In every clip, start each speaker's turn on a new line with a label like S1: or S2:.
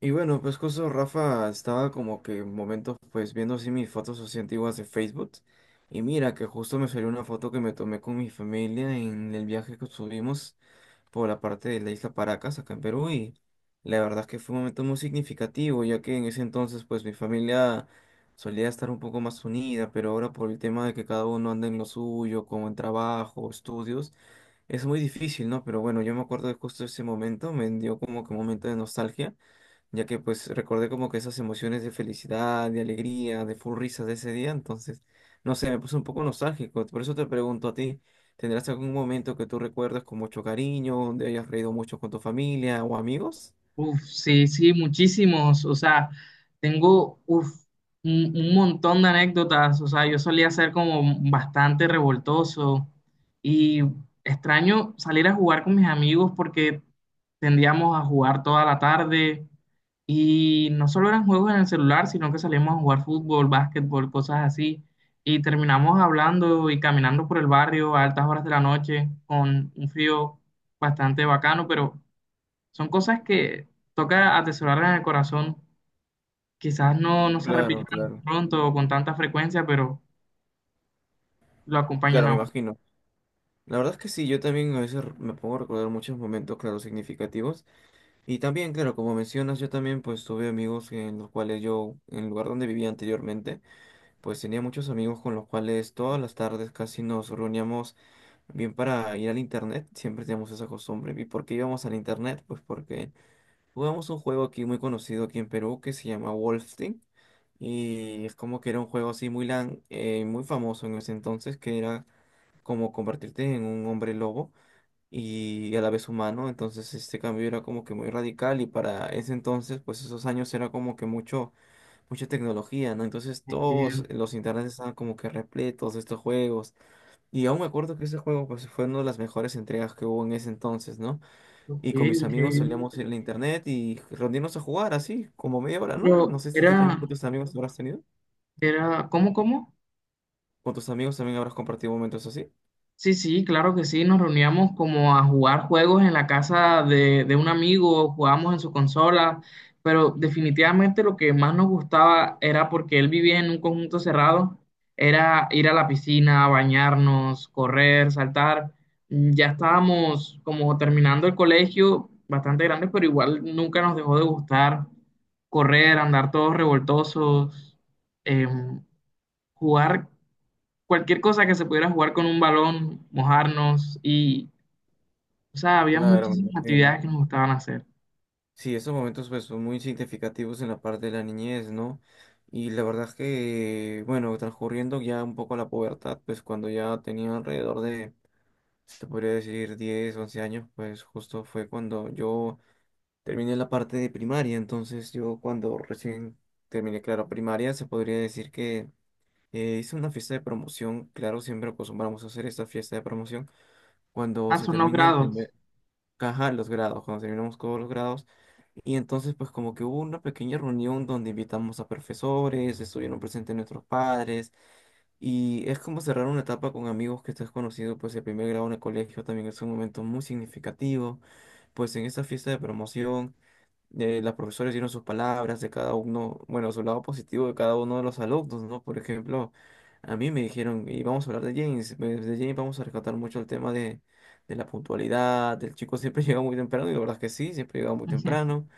S1: Y bueno, pues justo Rafa estaba como que en momentos pues viendo así mis fotos así antiguas de Facebook. Y mira que justo me salió una foto que me tomé con mi familia en el viaje que subimos por la parte de la isla Paracas, acá en Perú. Y la verdad es que fue un momento muy significativo, ya que en ese entonces pues mi familia solía estar un poco más unida, pero ahora por el tema de que cada uno anda en lo suyo, como en trabajo, estudios, es muy difícil, ¿no? Pero bueno, yo me acuerdo de justo ese momento, me dio como que un momento de nostalgia ya que pues recordé como que esas emociones de felicidad, de alegría, de full risas de ese día, entonces, no sé, me puse un poco nostálgico, por eso te pregunto a ti, ¿tendrás algún momento que tú recuerdas con mucho cariño, donde hayas reído mucho con tu familia o amigos?
S2: Uf, sí, sí, muchísimos. O sea, tengo un montón de anécdotas. O sea, yo solía ser como bastante revoltoso y extraño salir a jugar con mis amigos porque tendíamos a jugar toda la tarde y no solo eran juegos en el celular, sino que salíamos a jugar fútbol, básquetbol, cosas así. Y terminamos hablando y caminando por el barrio a altas horas de la noche con un frío bastante bacano, pero son cosas que toca atesorarlas en el corazón. Quizás no se
S1: Claro,
S2: repitan
S1: claro,
S2: pronto o con tanta frecuencia, pero lo acompañan
S1: claro,
S2: a
S1: me
S2: uno.
S1: imagino. La verdad es que sí, yo también a veces me pongo a recordar muchos momentos, claro, significativos. Y también, claro, como mencionas, yo también pues tuve amigos en los cuales yo, en el lugar donde vivía anteriormente, pues tenía muchos amigos con los cuales todas las tardes casi nos reuníamos bien, para ir al internet, siempre tenemos esa costumbre. ¿Y por qué íbamos al internet? Pues porque jugamos un juego aquí muy conocido aquí en Perú que se llama Wolfenstein. Y es como que era un juego así muy lan, muy famoso en ese entonces, que era como convertirte en un hombre lobo y a la vez humano. Entonces este cambio era como que muy radical y para ese entonces, pues esos años era como que mucho, mucha tecnología, ¿no? Entonces todos
S2: Entiendo.
S1: los internets estaban como que repletos de estos juegos. Y aún me acuerdo que ese juego pues, fue una de las mejores entregas que hubo en ese entonces, ¿no?
S2: Ok,
S1: Y con mis amigos
S2: increíble.
S1: solíamos ir a la internet y reunirnos a jugar así, como media hora, ¿no? No
S2: Pero
S1: sé si tú también
S2: era,
S1: con tus amigos habrás tenido.
S2: era, ¿cómo, cómo?
S1: Con tus amigos también habrás compartido momentos así.
S2: Sí, sí, claro que sí, nos reuníamos como a jugar juegos en la casa de un amigo, jugábamos en su consola, pero definitivamente lo que más nos gustaba era porque él vivía en un conjunto cerrado, era ir a la piscina, bañarnos, correr, saltar. Mm, ya estábamos como terminando el colegio, bastante grandes, pero igual nunca nos dejó de gustar correr, andar todos revoltosos, em, jugar cualquier cosa que se pudiera jugar con un balón, mojarnos y, o sea, había
S1: Claro, me
S2: muchísimas actividades
S1: imagino.
S2: que nos gustaban hacer.
S1: Sí, esos momentos pues son muy significativos en la parte de la niñez, ¿no? Y la verdad es que, bueno, transcurriendo ya un poco la pubertad, pues cuando ya tenía alrededor de, se podría decir, 10 u 11 años, pues justo fue cuando yo terminé la parte de primaria, entonces yo cuando recién terminé, claro, primaria, se podría decir que hice una fiesta de promoción, claro, siempre acostumbramos a hacer esta fiesta de promoción cuando
S2: Ah,
S1: se
S2: son los
S1: termina el
S2: grados.
S1: primer caja, los grados, cuando terminamos todos los grados, y entonces pues como que hubo una pequeña reunión donde invitamos a profesores, estuvieron presentes nuestros padres, y es como cerrar una etapa con amigos que estás conocido, pues el primer grado en el colegio también es un momento muy significativo, pues en esta fiesta de promoción las profesoras dieron sus palabras de cada uno, bueno, su lado positivo de cada uno de los alumnos, ¿no? Por ejemplo, a mí me dijeron, y vamos a hablar de James, pues, de James vamos a rescatar mucho el tema de la puntualidad, el chico siempre llega muy temprano, y la verdad es que sí, siempre llegaba muy temprano.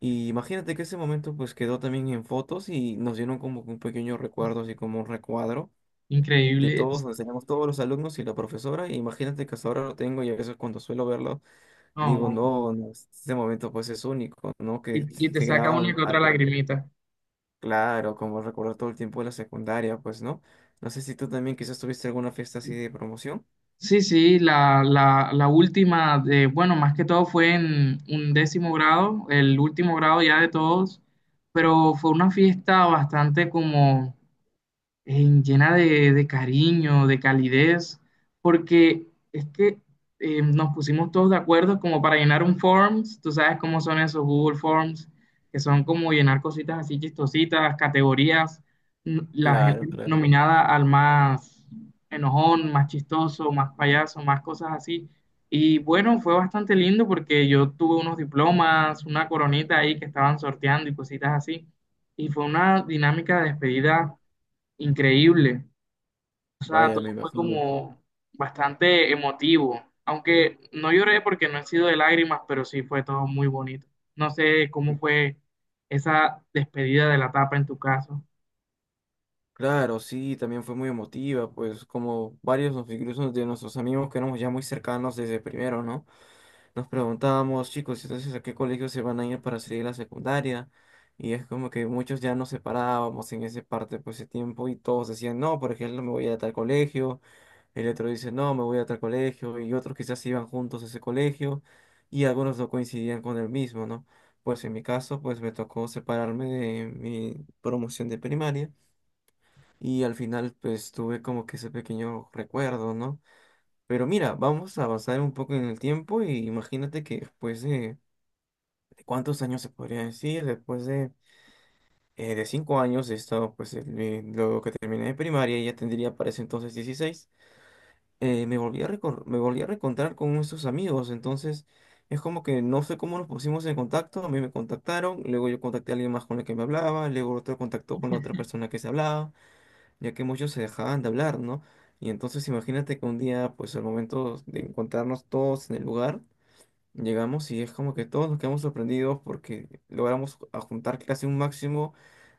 S1: Y imagínate que ese momento pues quedó también en fotos y nos dieron como que un pequeño recuerdo, así como un recuadro. De
S2: Increíble.
S1: todos, donde teníamos todos los alumnos y la profesora, y imagínate que hasta ahora lo tengo y a veces cuando suelo verlo digo,
S2: No,
S1: no, no, este momento pues es único, ¿no? Que
S2: y te
S1: se
S2: saca
S1: graba
S2: una
S1: al,
S2: que otra lagrimita.
S1: claro, como recordar todo el tiempo de la secundaria, pues, ¿no? No sé si tú también quizás tuviste alguna fiesta así de promoción.
S2: Sí, sí, la última de, bueno, más que todo fue en un décimo grado, el último grado ya de todos, pero fue una fiesta bastante como llena de cariño, de calidez, porque es que nos pusimos todos de acuerdo como para llenar un Forms, tú sabes cómo son esos Google Forms, que son como llenar cositas así chistositas, categorías, la
S1: Claro,
S2: gente
S1: claro.
S2: nominada al más enojón, más chistoso, más payaso, más cosas así. Y bueno, fue bastante lindo porque yo tuve unos diplomas, una coronita ahí que estaban sorteando y cositas así. Y fue una dinámica de despedida. Increíble. O sea,
S1: Vaya,
S2: todo
S1: me
S2: fue
S1: imagino.
S2: como bastante emotivo. Aunque no lloré porque no he sido de lágrimas, pero sí fue todo muy bonito. No sé cómo fue esa despedida de la etapa en tu caso
S1: Claro, sí, también fue muy emotiva, pues como varios, incluso de nuestros amigos que éramos ya muy cercanos desde primero, ¿no? Nos preguntábamos, chicos, entonces a qué colegio se van a ir para seguir la secundaria. Y es como que muchos ya nos separábamos en ese parte, pues, ese tiempo, y todos decían, no, por ejemplo, me voy a tal colegio. El otro dice, no, me voy a tal colegio. Y otros quizás se iban juntos a ese colegio. Y algunos no coincidían con el mismo, ¿no? Pues en mi caso, pues me tocó separarme de mi promoción de primaria. Y al final, pues tuve como que ese pequeño recuerdo, ¿no? Pero mira, vamos a avanzar un poco en el tiempo y imagínate que después de ¿cuántos años se podría decir? Después de 5 años he estado, pues, luego que terminé de primaria, ya tendría para ese entonces 16, me volví a reencontrar con nuestros amigos, entonces es como que no sé cómo nos pusimos en contacto, a mí me contactaron, luego yo contacté a alguien más con el que me hablaba, luego otro contactó con la otra persona que se hablaba, ya que muchos se dejaban de hablar, ¿no? Y entonces imagínate que un día, pues, al momento de encontrarnos todos en el lugar, llegamos y es como que todos nos quedamos sorprendidos porque logramos a juntar casi un máximo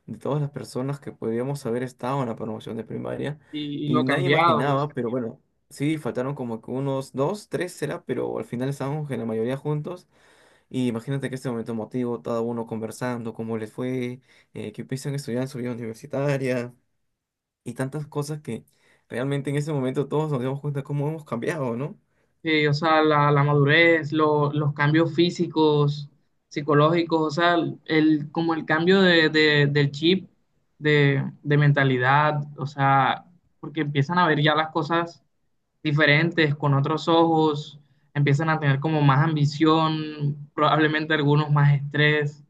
S1: de todas las personas que podríamos haber estado en la promoción de primaria
S2: y
S1: y
S2: lo
S1: nadie
S2: cambiado.
S1: imaginaba, pero bueno, sí, faltaron como que unos 2, 3 será pero al final estábamos en la mayoría juntos y imagínate que este momento emotivo, cada uno conversando, cómo les fue, qué piensan estudiar en su vida universitaria y tantas cosas que realmente en ese momento todos nos dimos cuenta cómo hemos cambiado, ¿no?
S2: Sí, o sea, la madurez, los cambios físicos, psicológicos, o sea, el, como el cambio del chip, de mentalidad, o sea, porque empiezan a ver ya las cosas diferentes, con otros ojos, empiezan a tener como más ambición, probablemente algunos más estrés,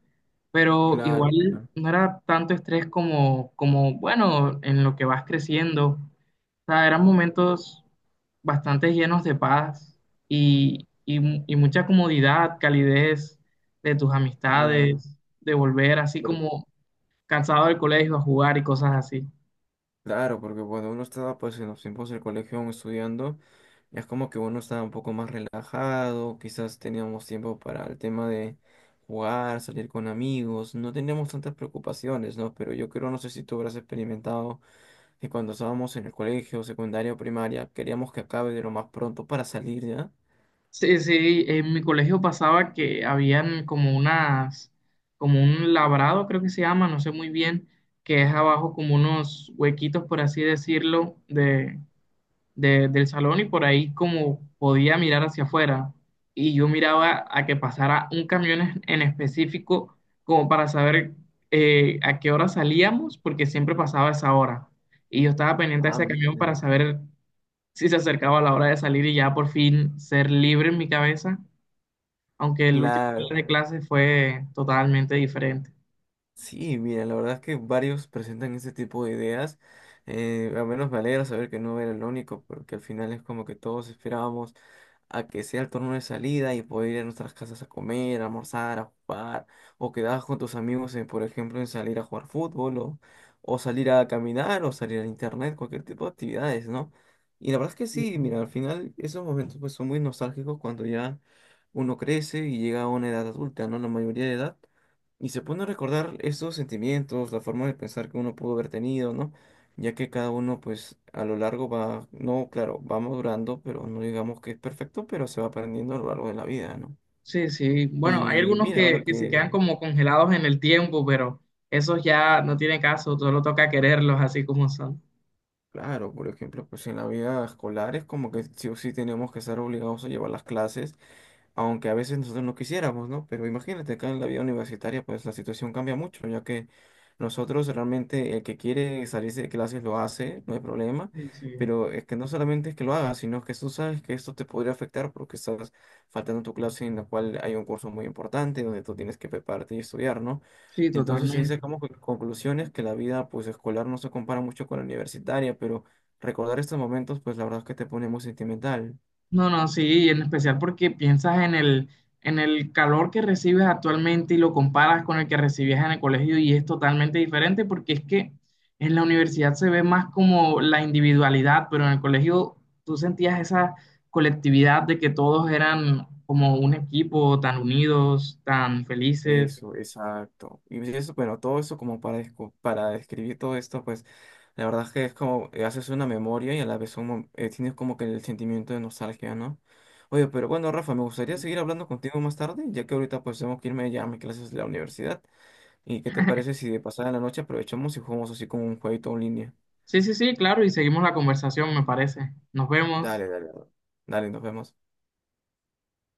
S2: pero
S1: Claro,
S2: igual
S1: claro.
S2: no era tanto estrés como, como bueno, en lo que vas creciendo. O sea, eran momentos bastante llenos de paz y, y mucha comodidad, calidez de tus
S1: Claro.
S2: amistades, de volver así como cansado del colegio a jugar y cosas así.
S1: Claro, porque cuando uno estaba pues en los tiempos del colegio aún estudiando, es como que uno estaba un poco más relajado, quizás teníamos tiempo para el tema de jugar, salir con amigos, no teníamos tantas preocupaciones, ¿no? Pero yo creo, no sé si tú habrás experimentado que cuando estábamos en el colegio, secundaria o primaria, queríamos que acabe de lo más pronto para salir, ¿ya?
S2: Sí, sí, en mi colegio pasaba que habían como unas, como un labrado, creo que se llama, no sé muy bien, que es abajo como unos huequitos, por así decirlo, del salón y por ahí como podía mirar hacia afuera. Y yo miraba a que pasara un camión en específico como para saber a qué hora salíamos, porque siempre pasaba esa hora. Y yo estaba pendiente de
S1: Ah,
S2: ese camión
S1: mira.
S2: para saber si se acercaba la hora de salir y ya por fin ser libre en mi cabeza, aunque el último día
S1: Claro,
S2: de clase fue totalmente diferente.
S1: sí, mira, la verdad es que varios presentan ese tipo de ideas. Al menos me alegra saber que no era el único, porque al final es como que todos esperábamos a que sea el turno de salida y poder ir a nuestras casas a comer, a almorzar, a jugar, o quedabas con tus amigos, en, por ejemplo, en salir a jugar fútbol, o salir a caminar, o salir a internet, cualquier tipo de actividades, ¿no? Y la verdad es que sí, mira, al final esos momentos pues son muy nostálgicos cuando ya uno crece y llega a una edad adulta, ¿no? La mayoría de edad. Y se pone a recordar esos sentimientos, la forma de pensar que uno pudo haber tenido, ¿no? Ya que cada uno, pues, a lo largo va, no, claro, va madurando, pero no digamos que es perfecto, pero se va aprendiendo a lo largo de la vida, ¿no?
S2: Sí, sí. Bueno, hay
S1: Y
S2: algunos
S1: mira,
S2: que,
S1: ahora
S2: que se
S1: que,
S2: quedan como congelados en el tiempo, pero esos ya no tiene caso, solo toca quererlos así como son.
S1: claro, por ejemplo, pues en la vida escolar es como que sí o sí tenemos que ser obligados a llevar las clases aunque a veces nosotros no quisiéramos, ¿no? Pero imagínate, acá en la vida universitaria, pues la situación cambia mucho, ya que nosotros realmente el que quiere salirse de clases lo hace, no hay problema,
S2: Sí, sí.
S1: pero es que no solamente es que lo hagas, sino que tú sabes que esto te podría afectar porque estás faltando a tu clase en la cual hay un curso muy importante donde tú tienes que prepararte y estudiar, ¿no?
S2: Sí,
S1: Entonces ahí
S2: totalmente.
S1: sacamos conclusiones que la vida pues escolar no se compara mucho con la universitaria, pero recordar estos momentos pues la verdad es que te pone muy sentimental.
S2: No, no, sí, y en especial porque piensas en el calor que recibes actualmente y lo comparas con el que recibías en el colegio y es totalmente diferente porque es que en la universidad se ve más como la individualidad, pero en el colegio tú sentías esa colectividad de que todos eran como un equipo, tan unidos, tan felices.
S1: Eso, exacto. Y eso, bueno, todo eso como para, para describir todo esto, pues la verdad es que es como haces una memoria y a la vez tienes como que el sentimiento de nostalgia, ¿no? Oye, pero bueno, Rafa, me gustaría seguir hablando contigo más tarde, ya que ahorita pues tengo que irme ya a mis clases de la universidad. ¿Y qué te parece si de pasada la noche aprovechamos y jugamos así como un jueguito en línea?
S2: Sí, sí, sí, claro, y seguimos la conversación, me parece. Nos vemos.
S1: Dale, dale. Dale. Dale, nos vemos.